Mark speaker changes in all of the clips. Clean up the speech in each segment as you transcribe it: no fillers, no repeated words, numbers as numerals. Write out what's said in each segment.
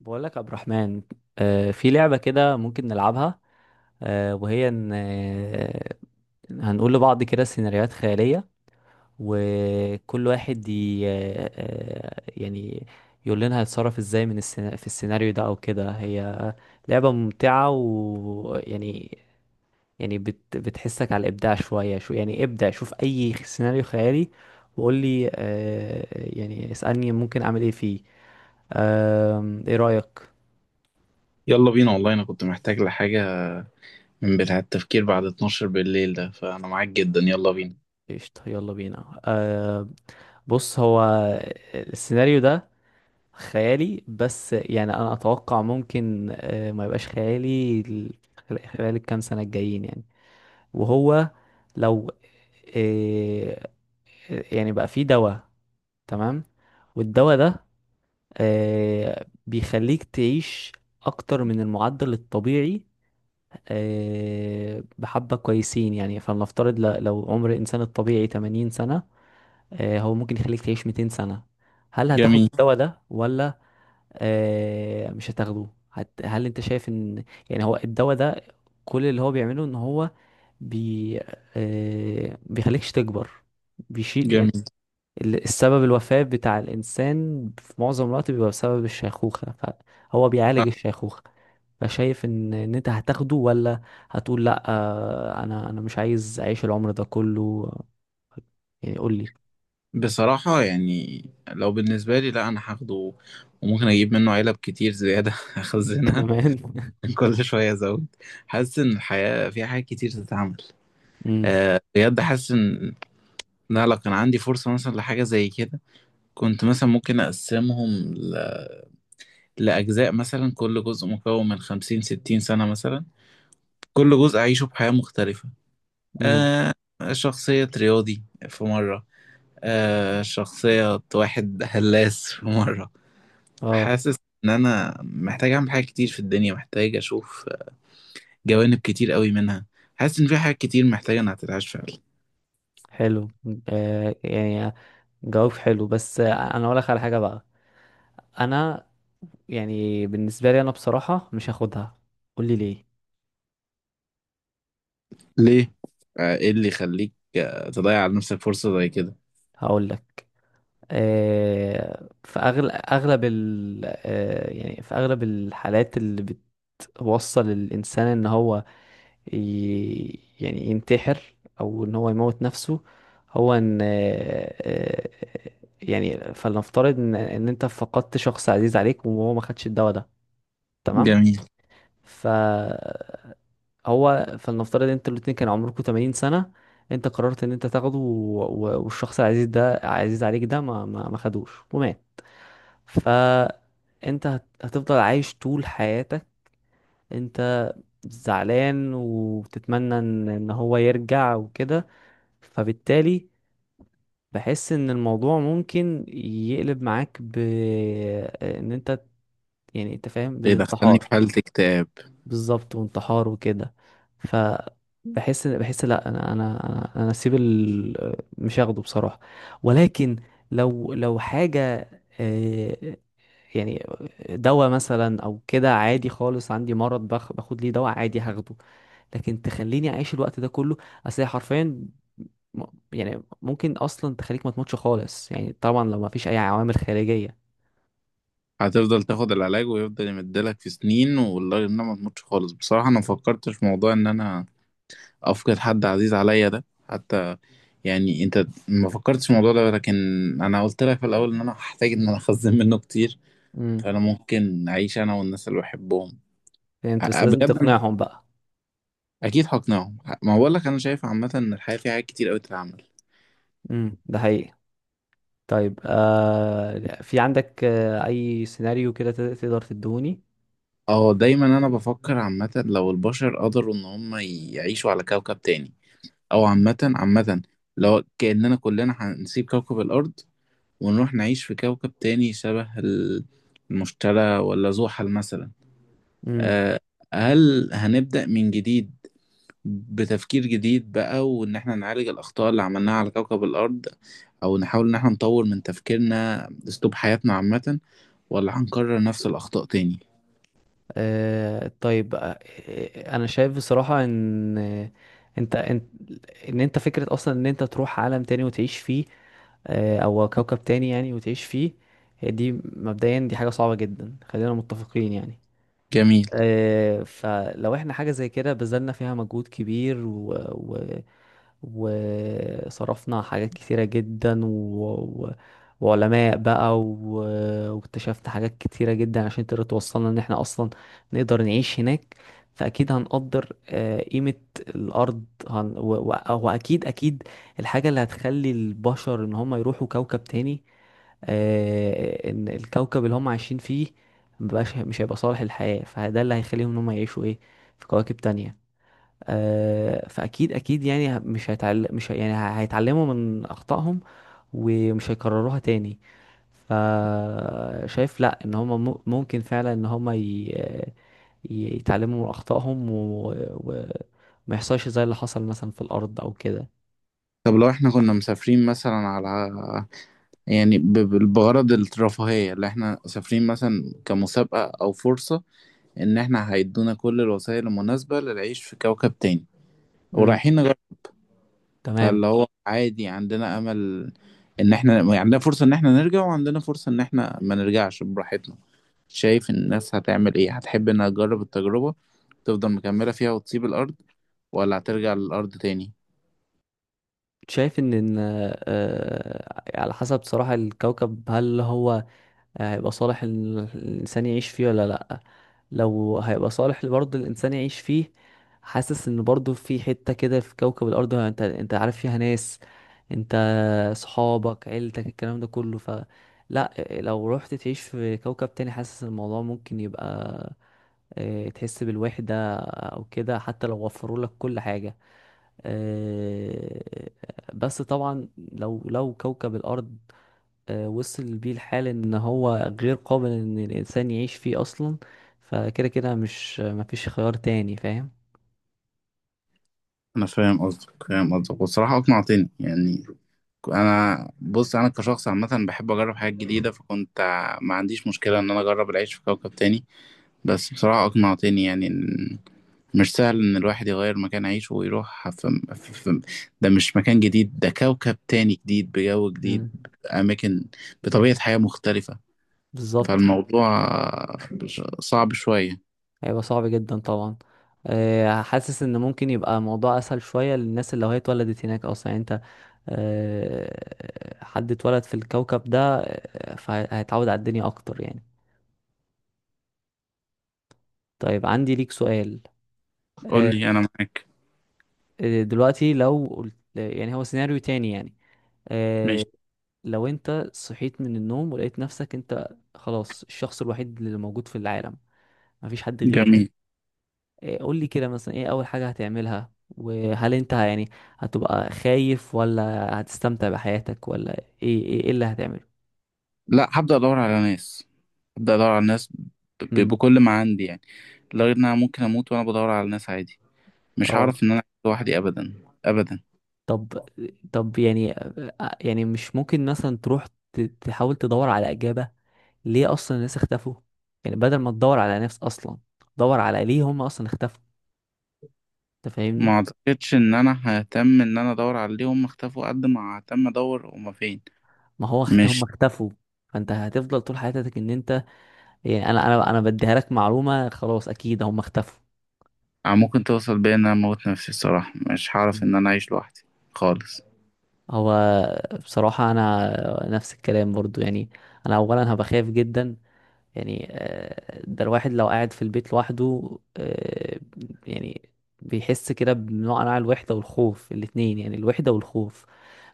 Speaker 1: بقول لك يا عبد الرحمن، في لعبة كده ممكن نلعبها. وهي ان هنقول لبعض كده سيناريوهات خيالية، وكل واحد ي... آه، آه، يعني يقول لنا هيتصرف ازاي في السيناريو ده او كده. هي لعبة ممتعة، ويعني بتحسك على الابداع شوية. شو يعني ابدع، شوف اي سيناريو خيالي وقول لي. يعني اسألني ممكن اعمل ايه فيه. ايه رأيك؟
Speaker 2: يلا بينا، والله انا كنت محتاج لحاجة من بتاع التفكير بعد 12 بالليل ده، فانا معاك جدا. يلا بينا.
Speaker 1: قشطة، يلا بينا. بص، هو السيناريو ده خيالي، بس يعني انا اتوقع ممكن ما يبقاش خيالي خلال الكام سنة الجايين يعني. وهو لو أه يعني بقى فيه دواء، تمام؟ والدواء ده بيخليك تعيش اكتر من المعدل الطبيعي، بحبة كويسين. يعني فلنفترض لو عمر الانسان الطبيعي 80 سنة، هو ممكن يخليك تعيش 200 سنة. هل هتاخد
Speaker 2: جميل
Speaker 1: الدواء ده ولا مش هتاخده؟ هل انت شايف ان يعني هو الدواء ده كل اللي هو بيعمله ان هو بي آه، بيخليكش تكبر، بيشيل يعني
Speaker 2: جميل.
Speaker 1: السبب الوفاة بتاع الإنسان في معظم الوقت بيبقى بسبب الشيخوخة، فهو بيعالج
Speaker 2: أه،
Speaker 1: الشيخوخة. فشايف ان انت هتاخده، ولا هتقول لا؟ آه، انا مش عايز اعيش العمر ده كله يعني، قول لي.
Speaker 2: بصراحة يعني لو بالنسبة لي، لا انا هاخده، وممكن اجيب منه علب كتير زيادة اخزنها،
Speaker 1: كمان
Speaker 2: كل شوية ازود. حاسس ان الحياة فيها حاجات كتير تتعمل. أه بجد حاسس ان، لا لو كان عندي فرصة مثلا لحاجة زي كده، كنت مثلا ممكن اقسمهم ل... لأجزاء، مثلا كل جزء مكون من 50، 60 سنة مثلا. كل جزء أعيشه بحياة مختلفة.
Speaker 1: امم،
Speaker 2: آه، شخصية رياضي في مرة، آه شخصية واحد هلاس في مرة.
Speaker 1: اه،
Speaker 2: حاسس إن أنا محتاج أعمل حاجات كتير في الدنيا، محتاج أشوف جوانب كتير قوي منها. حاسس إن في حاجات كتير محتاجة إنها تتعاش فعلا.
Speaker 1: حلو. يعني جواب حلو، بس انا اقول لك على حاجه بقى. انا يعني بالنسبه لي انا بصراحه مش هاخدها، قول لي ليه.
Speaker 2: ليه؟ إيه اللي يخليك تضيع على نفسك فرصة زي كده؟
Speaker 1: هقول لك، في أغل... اغلب ال... آه يعني في اغلب الحالات اللي بتوصل الانسان ان هو يعني ينتحر او ان هو يموت نفسه. هو ان يعني فلنفترض ان انت فقدت شخص عزيز عليك، وهو ما خدش الدواء ده، تمام؟
Speaker 2: جميل.
Speaker 1: ف هو فلنفترض انتوا الاتنين كان عمركم 80 سنة، انت قررت ان انت تاخده والشخص العزيز ده عزيز عليك ده ما خدوش ومات. فانت هتفضل عايش طول حياتك انت زعلان، وبتتمنى ان هو يرجع وكده. فبالتالي بحس ان الموضوع ممكن يقلب معاك ب ان انت يعني انت فاهم،
Speaker 2: إيه دخلني
Speaker 1: بالانتحار.
Speaker 2: في حالة اكتئاب.
Speaker 1: بالظبط، وانتحار وكده. ف بحس لا، انا اسيب مش هاخده بصراحه. ولكن لو حاجه آه، يعني دواء مثلا او كده عادي خالص، عندي مرض باخد ليه دواء عادي، هاخده. لكن تخليني اعيش الوقت ده كله، اصل هي حرفيا م- يعني ممكن اصلا تخليك ما تموتش خالص يعني، طبعا لو ما فيش اي عوامل خارجيه.
Speaker 2: هتفضل تاخد العلاج ويفضل يمدلك في سنين، والله إنها ما تموتش خالص. بصراحة أنا ما فكرتش في موضوع إن أنا أفقد حد عزيز عليا ده، حتى. يعني انت ما فكرتش في الموضوع ده، لكن انا قلت لك في الاول ان انا هحتاج ان انا اخزن منه كتير،
Speaker 1: امم،
Speaker 2: فانا ممكن اعيش انا والناس اللي بحبهم.
Speaker 1: فهمت، بس لازم
Speaker 2: بجد انا
Speaker 1: تقنعهم بقى.
Speaker 2: اكيد هقنعهم. ما بقول لك انا شايف عامه ان الحياه فيها حاجات كتير قوي تتعمل.
Speaker 1: امم، ده حقيقي. طيب في عندك اي سيناريو كده تقدر تدوني؟
Speaker 2: اه دايما انا بفكر عامه، لو البشر قدروا ان هم يعيشوا على كوكب تاني، او عامه عامه لو كاننا كلنا هنسيب كوكب الارض ونروح نعيش في كوكب تاني شبه المشتري ولا زحل مثلا.
Speaker 1: امم،
Speaker 2: آه، هل هنبدأ من جديد بتفكير جديد بقى، وإن إحنا نعالج الأخطاء اللي عملناها على كوكب الأرض، أو نحاول إن إحنا نطور من تفكيرنا أسلوب حياتنا عامة، ولا هنكرر نفس الأخطاء تاني؟
Speaker 1: طيب. انا شايف بصراحة ان انت ان انت فكرة اصلا ان انت تروح عالم تاني وتعيش فيه، او كوكب تاني يعني وتعيش فيه، هي دي مبدئيا دي حاجة صعبة جدا، خلينا متفقين يعني.
Speaker 2: جميل.
Speaker 1: فلو احنا حاجة زي كده بذلنا فيها مجهود كبير وصرفنا حاجات كتيرة جدا و... وعلماء بقى واكتشفنا حاجات كتيرة جدا عشان تقدر توصلنا ان احنا اصلا نقدر نعيش هناك، فاكيد هنقدر قيمة الارض واكيد الحاجة اللي هتخلي البشر ان هم يروحوا كوكب تاني، ان الكوكب اللي هم عايشين فيه مش هيبقى صالح للحياة، فده اللي هيخليهم ان هم يعيشوا ايه في كواكب تانية. آه، فاكيد يعني ه- مش هيتعل... مش هي- يعني ه- هيتعلموا من اخطائهم ومش هيكرروها تاني. فشايف، لا، ان هم ممكن فعلا ان هم يتعلموا من اخطائهم ما يحصلش زي اللي حصل مثلا في الارض او كده.
Speaker 2: طب لو إحنا كنا مسافرين مثلا على، يعني بغرض الرفاهية، اللي إحنا مسافرين مثلا كمسابقة أو فرصة، إن إحنا هيدونا كل الوسائل المناسبة للعيش في كوكب تاني،
Speaker 1: امم،
Speaker 2: ورايحين.
Speaker 1: تمام.
Speaker 2: فاللي هو عادي، عندنا امل ان احنا يعني عندنا فرصة ان احنا نرجع، وعندنا فرصة ان احنا ما نرجعش براحتنا. شايف الناس هتعمل ايه، هتحب انها تجرب التجربة تفضل مكملة فيها وتسيب الارض، ولا هترجع للارض تاني؟
Speaker 1: شايف ان إن، آه، على حسب صراحة الكوكب، هل هو هيبقى صالح الإنسان يعيش فيه ولا لأ. لو هيبقى صالح برضه الإنسان يعيش فيه، حاسس إن برضه في حتة كده في كوكب الأرض أنت عارف فيها ناس، أنت صحابك عيلتك الكلام ده كله. ف لأ، لو رحت تعيش في كوكب تاني، حاسس الموضوع ممكن يبقى تحس بالوحدة أو كده، حتى لو وفروا لك كل حاجة. آه، بس طبعا لو كوكب الأرض وصل بيه الحال ان هو غير قابل ان الانسان يعيش فيه اصلا، فكده كده مش مفيش خيار تاني، فاهم؟
Speaker 2: انا فاهم قصدك فاهم قصدك، والصراحه اقنعتني يعني. انا بص، انا كشخص عامه بحب اجرب حاجات جديده، فكنت ما عنديش مشكله ان انا اجرب العيش في كوكب تاني. بس بصراحه اقنعتني يعني. مش سهل ان الواحد يغير مكان عيشه ويروح ف... ف... ده مش مكان جديد، ده كوكب تاني جديد، بجو جديد،
Speaker 1: مم.
Speaker 2: بأماكن، بطبيعة حياة مختلفة.
Speaker 1: بالظبط،
Speaker 2: فالموضوع صعب شوية.
Speaker 1: هيبقى صعب جدا طبعا. حاسس ان ممكن يبقى الموضوع اسهل شوية للناس اللي هي اتولدت هناك اصلا. يعني انت حد اتولد في الكوكب ده، فهيتعود على الدنيا اكتر يعني. طيب، عندي ليك سؤال.
Speaker 2: قول
Speaker 1: آه،
Speaker 2: لي، انا معاك.
Speaker 1: دلوقتي لو قلت يعني هو سيناريو تاني يعني،
Speaker 2: ماشي.
Speaker 1: آه، لو انت صحيت من النوم ولقيت نفسك انت خلاص الشخص الوحيد اللي موجود في العالم، مفيش حد غيرك،
Speaker 2: جميل.
Speaker 1: إيه، قول لي كده مثلا ايه اول حاجة هتعملها؟ وهل انت يعني هتبقى خايف، ولا هتستمتع بحياتك، ولا إيه اللي هتعمله؟
Speaker 2: لا، هبدأ ادور على ناس، هبدأ ادور على ناس،
Speaker 1: امم،
Speaker 2: بكل ما عندي يعني. لغير ان انا ممكن اموت وانا بدور على ناس، عادي. مش
Speaker 1: اه.
Speaker 2: هعرف ان انا أعيش لوحدي ابدا، ابدا.
Speaker 1: طب طب يعني يعني مش ممكن مثلا تروح تحاول تدور على إجابة ليه اصلا الناس اختفوا؟ يعني بدل ما تدور على ناس اصلا، دور على ليه هم اصلا اختفوا، انت
Speaker 2: ما
Speaker 1: فاهمني؟
Speaker 2: اعتقدش ان انا ههتم ان انا ادور عليهم اختفوا قد ما ههتم ادور هما فين.
Speaker 1: ما هو هم
Speaker 2: مش
Speaker 1: اختفوا، فانت هتفضل طول حياتك ان انت يعني. انا انا انا بديها لك معلومه خلاص، اكيد هم اختفوا.
Speaker 2: ممكن توصل بيا ان انا اموت نفسي، الصراحه مش هعرف ان انا اعيش لوحدي خالص.
Speaker 1: هو بصراحه انا نفس الكلام برضو يعني، انا اولا هبقى خايف جدا. يعني ده الواحد لو قاعد في البيت لوحده آه، يعني بيحس كده بنوع انواع الوحدة والخوف الاتنين، يعني الوحدة والخوف.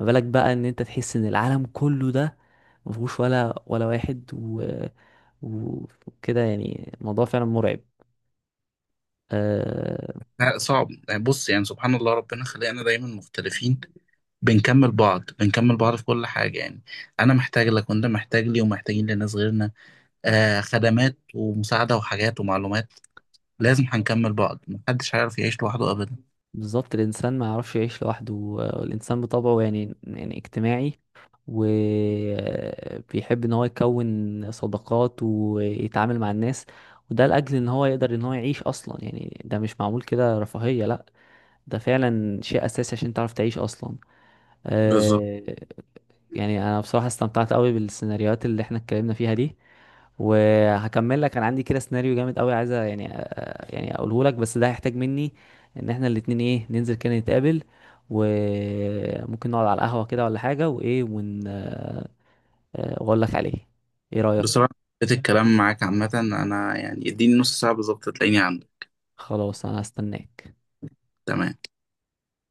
Speaker 1: ما بالك بقى ان انت تحس ان العالم كله ده مفهوش ولا واحد وكده، يعني الموضوع فعلا مرعب. آه،
Speaker 2: لا، صعب يعني. بص يعني، سبحان الله ربنا خلقنا دايما مختلفين، بنكمل بعض بنكمل بعض في كل حاجة يعني. أنا محتاج لك وأنت محتاج لي، ومحتاجين لناس غيرنا، آه، خدمات ومساعدة وحاجات ومعلومات. لازم هنكمل بعض، محدش هيعرف يعيش لوحده أبدا.
Speaker 1: بالظبط، الانسان ما يعرفش يعيش لوحده. الانسان بطبعه يعني اجتماعي، وبيحب ان هو يكون صداقات ويتعامل مع الناس، وده لاجل ان هو يقدر ان هو يعيش اصلا. يعني ده مش معمول كده رفاهية، لا، ده فعلا شيء اساسي عشان تعرف تعيش اصلا.
Speaker 2: بالظبط.
Speaker 1: آه، يعني انا بصراحة استمتعت قوي بالسيناريوهات اللي احنا اتكلمنا فيها دي، وهكمل لك، انا عندي كده سيناريو جامد قوي عايز يعني يعني اقوله لك، بس ده هيحتاج مني ان احنا الاتنين ايه ننزل كده نتقابل وممكن نقعد على القهوة كده ولا حاجة، وايه ون آه، آه، واقول لك عليه. ايه رأيك؟
Speaker 2: بصراحه حبيت الكلام معاك عامه. انا يعني اديني نص ساعه بالظبط تلاقيني عندك.
Speaker 1: خلاص، انا هستناك.
Speaker 2: تمام.